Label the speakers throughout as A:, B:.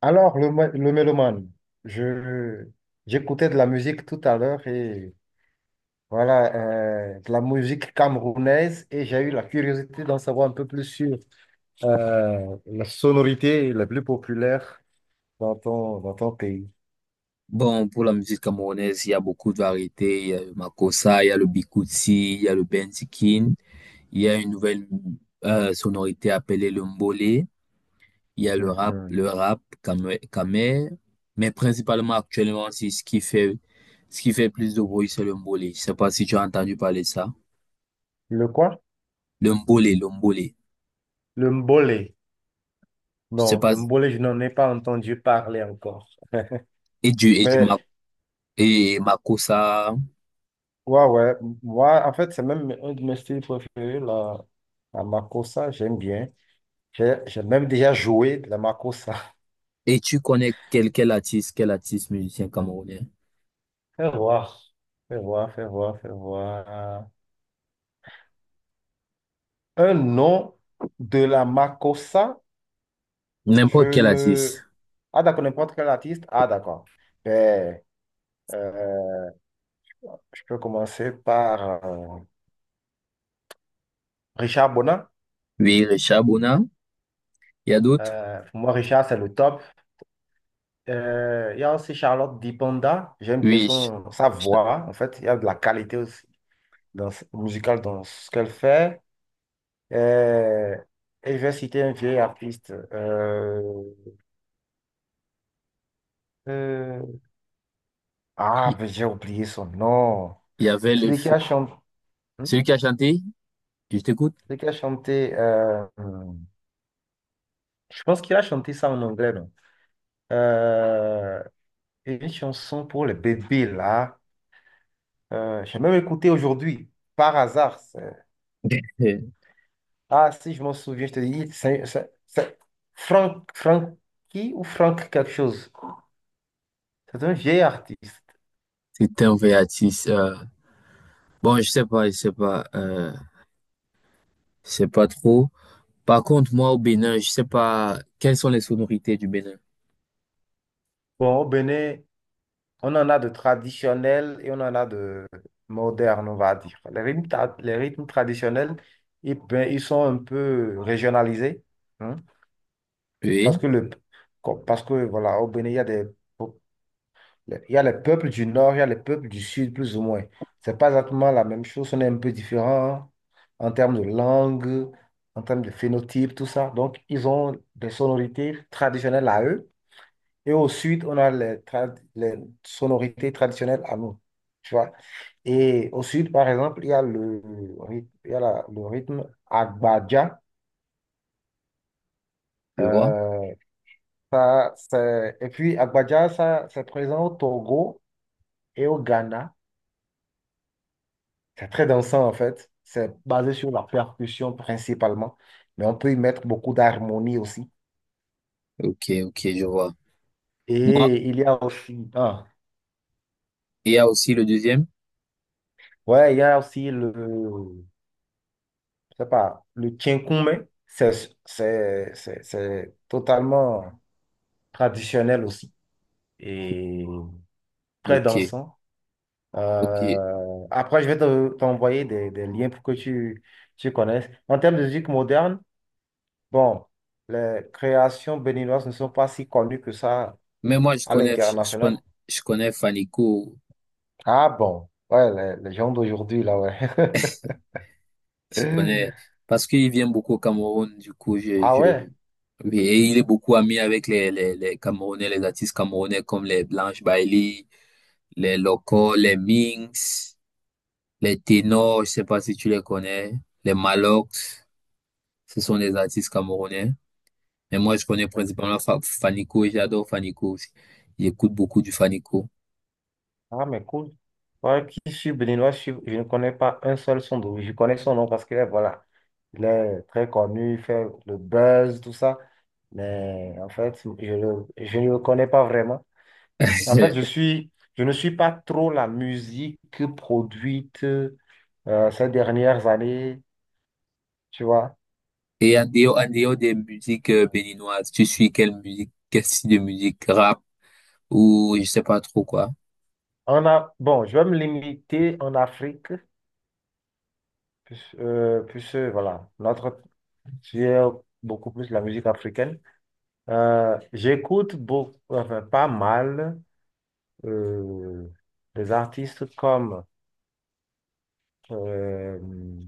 A: Alors, le mélomane, je, j'écoutais de la musique tout à l'heure et voilà, de la musique camerounaise et j'ai eu la curiosité d'en savoir un peu plus sur la sonorité la plus populaire dans ton pays.
B: Bon, pour la musique camerounaise, il y a beaucoup de variétés. Il y a le Makossa, il y a le Bikuti, il y a le Benzikin. Il y a une nouvelle sonorité appelée le Mbolé. Il y a
A: Mhm.
B: le rap camé. Mais principalement actuellement, c'est ce qui fait plus de bruit, c'est le Mbolé. Je sais pas si tu as entendu parler de ça.
A: Le quoi?
B: Le Mbolé, le Mbolé.
A: Le mbolé.
B: Je sais
A: Non,
B: pas.
A: le mbolé, je n'en ai pas entendu parler encore.
B: Et du, et du Ma-
A: Mais
B: et Makossa.
A: ouais, ouais, moi, en fait, c'est même un de mes styles préférés, la makossa, j'aime bien. J'ai même déjà joué de la makossa.
B: Et tu connais quel artiste musicien camerounais?
A: Fais voir, fais voir, fais voir, fais voir. Un nom de la makossa,
B: N'importe
A: je
B: quel
A: ne...
B: artiste.
A: Ah d'accord, n'importe quel artiste. Ah d'accord. Ben, euh, je peux commencer par Richard Bonin.
B: Oui, Richard Bonin. Il y a d'autres?
A: Pour moi, Richard, c'est le top. Il y a aussi Charlotte Dipanda. J'aime bien
B: Oui, je-
A: sa
B: je-
A: voix. En fait, il y a de la qualité aussi musicale dans ce qu'elle fait. Euh, et je vais citer un vieil artiste. Euh, Ah, mais j'ai oublié son nom.
B: il y avait le
A: Celui qui a
B: feu.
A: chanté,
B: Celui qui a chanté, je t'écoute.
A: celui qui a chanté, je pense qu'il a chanté ça en anglais, non? Euh, une chanson pour les bébés, là. J'ai même écouté aujourd'hui, par hasard.
B: Euh,
A: Ah, si je m'en souviens, je te dis, c'est Frank, Frankie ou Frank quelque chose. C'est un vieil artiste.
B: C'était un vrai artiste. Bon, je sais pas, je sais pas, euh, je sais pas trop. Par contre, moi, au Bénin, je sais pas quelles sont les sonorités du Bénin.
A: Bon, au Bénin, on en a de traditionnels et on en a de modernes, on va dire. Les les rythmes traditionnels, ben, ils sont un peu régionalisés, hein,
B: Oui,
A: parce que, parce que voilà, au Bénin, il y a des, po- il y a les peuples du nord, il y a les peuples du sud, plus ou moins. C'est pas exactement la même chose, on est un peu différent en termes de langue, en termes de phénotype, tout ça. Donc, ils ont des sonorités traditionnelles à eux. Et au sud, on a les sonorités traditionnelles à nous. Tu vois? Et au sud, par exemple, il y a le rythme, il y a le rythme Agbaja.
B: je vois.
A: Euh, et puis, Agbaja, ça, c'est présent au Togo et au Ghana. C'est très dansant, en fait. C'est basé sur la percussion principalement. Mais on peut y mettre beaucoup d'harmonie aussi.
B: Ok, ok, je vois. Moi,
A: Et il y a aussi, ah,
B: il y a aussi le deuxième.
A: ouais, il y a aussi le je sais pas, le kinkume, c'est totalement traditionnel aussi et très
B: Ok,
A: dansant.
B: ok.
A: Après, je vais t'envoyer des liens pour que tu connaisses. En termes de musique moderne, bon, les créations béninoises ne sont pas si connues que ça
B: Mais moi, je
A: à
B: connais, je je
A: l'international.
B: connais, je connais Fanico.
A: Ah bon, ouais, les gens d'aujourd'hui, là, ouais.
B: Je connais, parce qu'il vient beaucoup au Cameroun, du coup,
A: Ah ouais.
B: oui, et il est beaucoup ami avec les Camerounais, les artistes camerounais comme les Blanche Bailey, les Locos, les Minx, les Ténors, je sais pas si tu les connais, les Malox, ce sont des artistes camerounais. Mais moi, je connais principalement Fanico, et j'adore Fanico aussi. J'écoute beaucoup du Fanico.
A: Ah, mais cool. Ouais, qui suit Benoît, je ne connais pas un seul son de lui. Je connais son nom parce que, voilà, il est très connu, il fait le buzz, tout ça. Mais en fait, je ne le connais pas vraiment. En fait, je ne suis pas trop la musique produite ces dernières années, tu vois.
B: Et en dehors des musiques béninoises, tu suis quelle musique, quel style de musique, rap ou je sais pas trop quoi?
A: On a, bon, je vais me limiter en Afrique, puisque, puisque, voilà, notre, j'ai beaucoup plus la musique africaine. J'écoute beaucoup, enfin, pas mal euh, des artistes comme euh,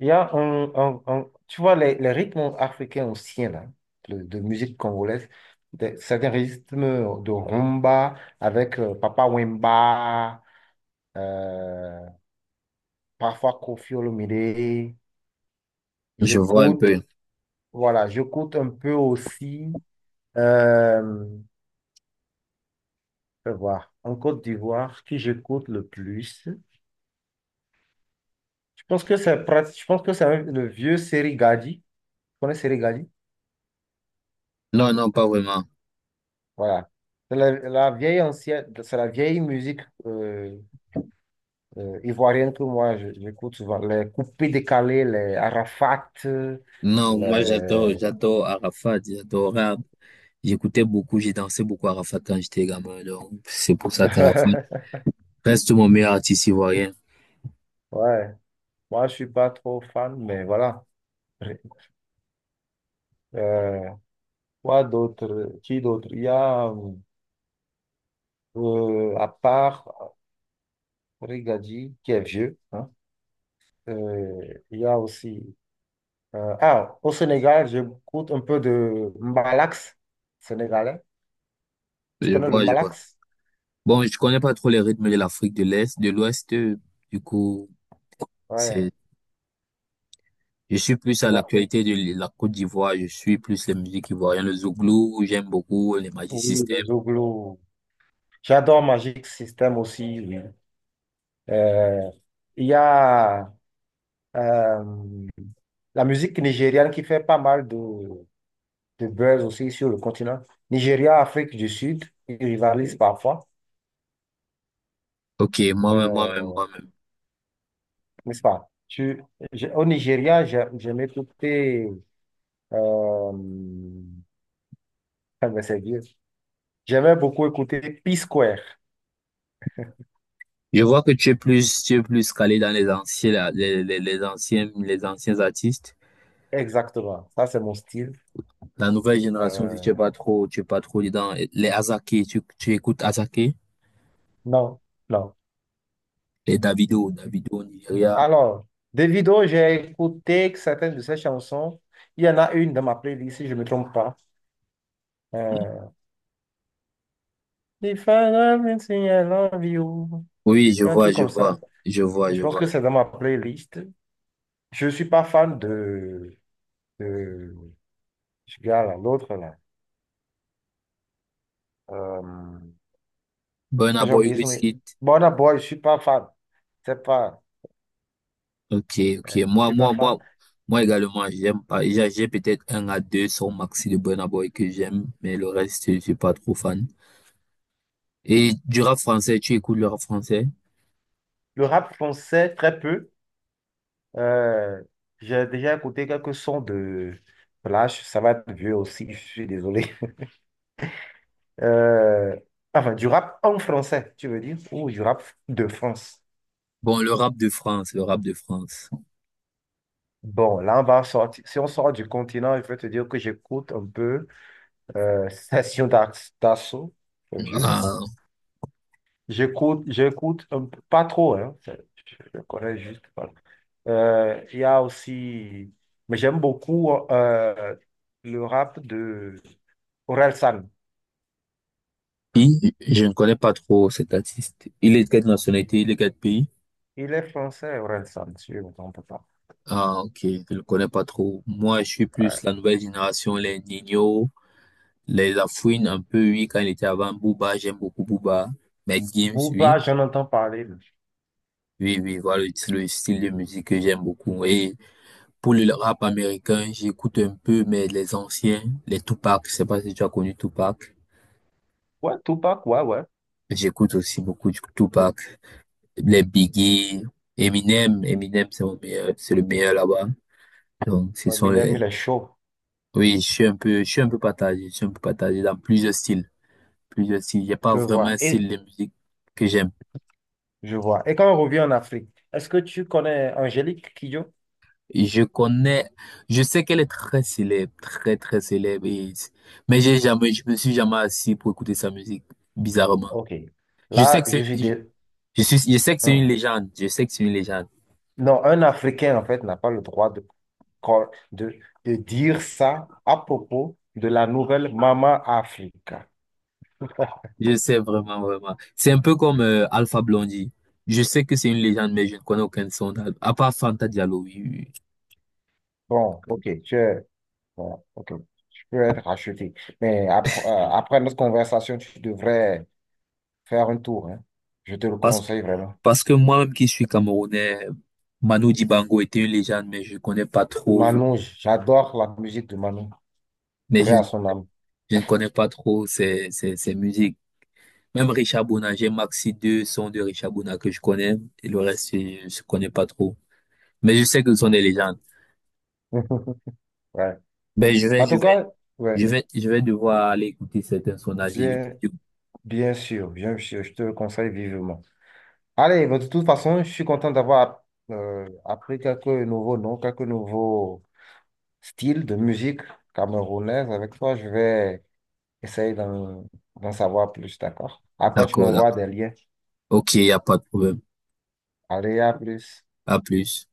A: il y a tu vois les rythmes africains anciens là, de musique congolaise, certains rythmes de rumba avec Papa Wemba, euh, parfois Koffi Olomide.
B: Je vois un
A: J'écoute,
B: peu.
A: voilà, j'écoute un peu aussi. Euh, je vais voir, en Côte d'Ivoire, qui j'écoute le plus. Je pense que le vieux Serigadi. Tu connais Serigadi?
B: Non, non, pas vraiment.
A: Voilà. C'est la vieille ancienne, c'est la vieille musique ivoirienne que moi j'écoute souvent. Les coupés décalés, les Arafat,
B: Non, moi j'adore,
A: les...
B: j'adore Arafat, j'adore. J'écoutais beaucoup, j'ai dansé beaucoup Arafat quand j'étais gamin. Donc, c'est pour ça qu'Arafat reste mon meilleur artiste ivoirien.
A: Ouais. Moi, je suis pas trop fan, mais voilà. Euh, quoi d'autre? Qui d'autre? Il y a, à part Serigadi, qui est vieux, hein, il y a aussi. Au Sénégal, j'écoute un peu de Mbalax sénégalais. Tu
B: Je
A: connais le
B: vois, je vois.
A: Mbalax?
B: Bon, je connais pas trop les rythmes de l'Afrique de l'Est, de l'Ouest. Du coup,
A: Ouais,
B: c'est, je suis plus
A: tu
B: à
A: vois.
B: l'actualité de la Côte d'Ivoire. Je suis plus les musiques ivoiriennes, le Zouglou, j'aime beaucoup les Magic
A: Oui,
B: System.
A: les Zouglo. J'adore Magic System aussi. Oui. Euh, il y a euh, la musique nigériane qui fait pas mal de buzz aussi sur le continent. Nigeria, Afrique du Sud, ils rivalisent parfois,
B: Ok, moi-même, moi-même,
A: euh,
B: moi-même.
A: n'est-ce pas? Au Nigeria, j'aime écouter. Euh, ah ben, c'est vieux. J'aimais beaucoup écouter P-Square.
B: Je vois que tu es plus calé dans les anciens, là, les anciens artistes.
A: Exactement. Ça, c'est mon style.
B: La nouvelle génération, si
A: Euh,
B: tu es pas trop dedans. Les Asaké, tu écoutes Asaké,
A: non, non.
B: les Davido, Davido Nigeria.
A: Alors, Davido, j'ai écouté certaines de ses chansons. Il y en a une dans ma playlist, si je ne me trompe pas. Euh, If I love you, say I love you.
B: Oui, je
A: Il y a un
B: vois,
A: truc comme ça. Je
B: je
A: pense
B: vois.
A: que c'est dans ma playlist. Je ne suis pas fan de ce gars-là, l'autre là. Euh,
B: Burna
A: j'ai
B: Boy,
A: oublié son nom.
B: Wizkid.
A: Burna Boy, je ne suis pas fan. C'est pas.
B: Ok, ok.
A: Je ne suis pas fan.
B: Moi également, j'aime pas. J'ai peut-être un à deux sons maxi de Burna Boy que j'aime, mais le reste, je suis pas trop fan. Et du rap français, tu écoutes le rap français?
A: Le rap français, très peu. Euh, j'ai déjà écouté quelques sons de Flash, ça va être vieux aussi, je suis désolé. Euh, enfin, du rap en français, tu veux dire, ou du rap de France.
B: Bon, le rap de France.
A: Bon, là, on va sortir. Si on sort du continent, je vais te dire que j'écoute un peu Session d'Assaut, le vieux.
B: Ah,
A: J'écoute, pas trop, hein, je le connais juste. Voilà. Il y a aussi, mais j'aime beaucoup le rap de Orelsan.
B: si, je ne connais pas trop cet artiste. Il est de quelle nationalité, il est de quel pays?
A: Il est français, Orelsan, si je ne me trompe pas.
B: Ah, ok, je ne connais pas trop. Moi, je suis
A: Ouais.
B: plus la nouvelle génération, les Nino, les Lafouine, un peu, oui, quand il était avant Booba, j'aime beaucoup Booba. Mais Games,
A: Booba,
B: oui.
A: j'en entends parler. Mais...
B: Oui, oui, voilà le style de musique que j'aime beaucoup. Et pour le rap américain, j'écoute un peu, mais les anciens, les Tupac, je sais pas si tu as connu Tupac.
A: Ouais, Tupac, ouais, ouais.
B: J'écoute aussi beaucoup du Tupac. Les Biggie, Eminem, c'est le meilleur là-bas. Donc ce sont
A: Eminem,
B: les,
A: il est chaud,
B: oui, je suis un peu partagé, je suis un peu partagé dans plusieurs styles, plusieurs styles. Il a pas
A: je
B: vraiment
A: vois.
B: un
A: Et,
B: style de musique que j'aime.
A: je vois. Et quand on revient en Afrique, est-ce que tu connais Angélique Kidjo?
B: Je connais, je sais qu'elle est très célèbre, très très célèbre, mais j'ai jamais, je me suis jamais assis pour écouter sa musique, bizarrement.
A: Ok.
B: Je sais
A: Là,
B: que
A: je
B: c'est,
A: suis
B: je,
A: des...
B: je sais que c'est une légende, je sais que c'est une légende.
A: Non, un Africain, en fait, n'a pas le droit de, cor- de, de dire ça à propos de la nouvelle Maman Africa.
B: Je sais vraiment, vraiment. C'est un peu comme Alpha Blondie. Je sais que c'est une légende, mais je ne connais aucun de son album, à part Fanta Diallo, oui, oui, oui.
A: Bon, ok, tu es, voilà, ok, tu peux être racheté. Mais après notre conversation, tu devrais faire un tour, hein. Je te le
B: Parce que,
A: conseille vraiment.
B: parce que moi-même qui suis Camerounais, Manu Dibango était une légende, mais je ne connais pas trop,
A: Manon, j'adore la musique de Manon.
B: mais
A: Paix
B: je,
A: à son âme.
B: je ne connais pas trop ses musiques. Même Richard Bona, j'ai maxi deux sons de Richard Bona que je connais, et le reste, je ne connais pas trop. Mais je sais que ce sont des légendes.
A: Ouais.
B: Ben, je vais,
A: En
B: je
A: tout
B: vais,
A: cas, ouais,
B: je vais devoir aller écouter certains sondages.
A: bien,
B: D'accord,
A: bien sûr, je te le conseille vivement. Allez, mais de toute façon, je suis content d'avoir appris quelques nouveaux noms, quelques nouveaux styles de musique camerounaise avec toi. Je vais essayer d'en savoir plus, d'accord? Après, tu
B: d'accord.
A: m'envoies des liens.
B: Ok, il n'y a pas de problème.
A: Allez, à plus.
B: À plus.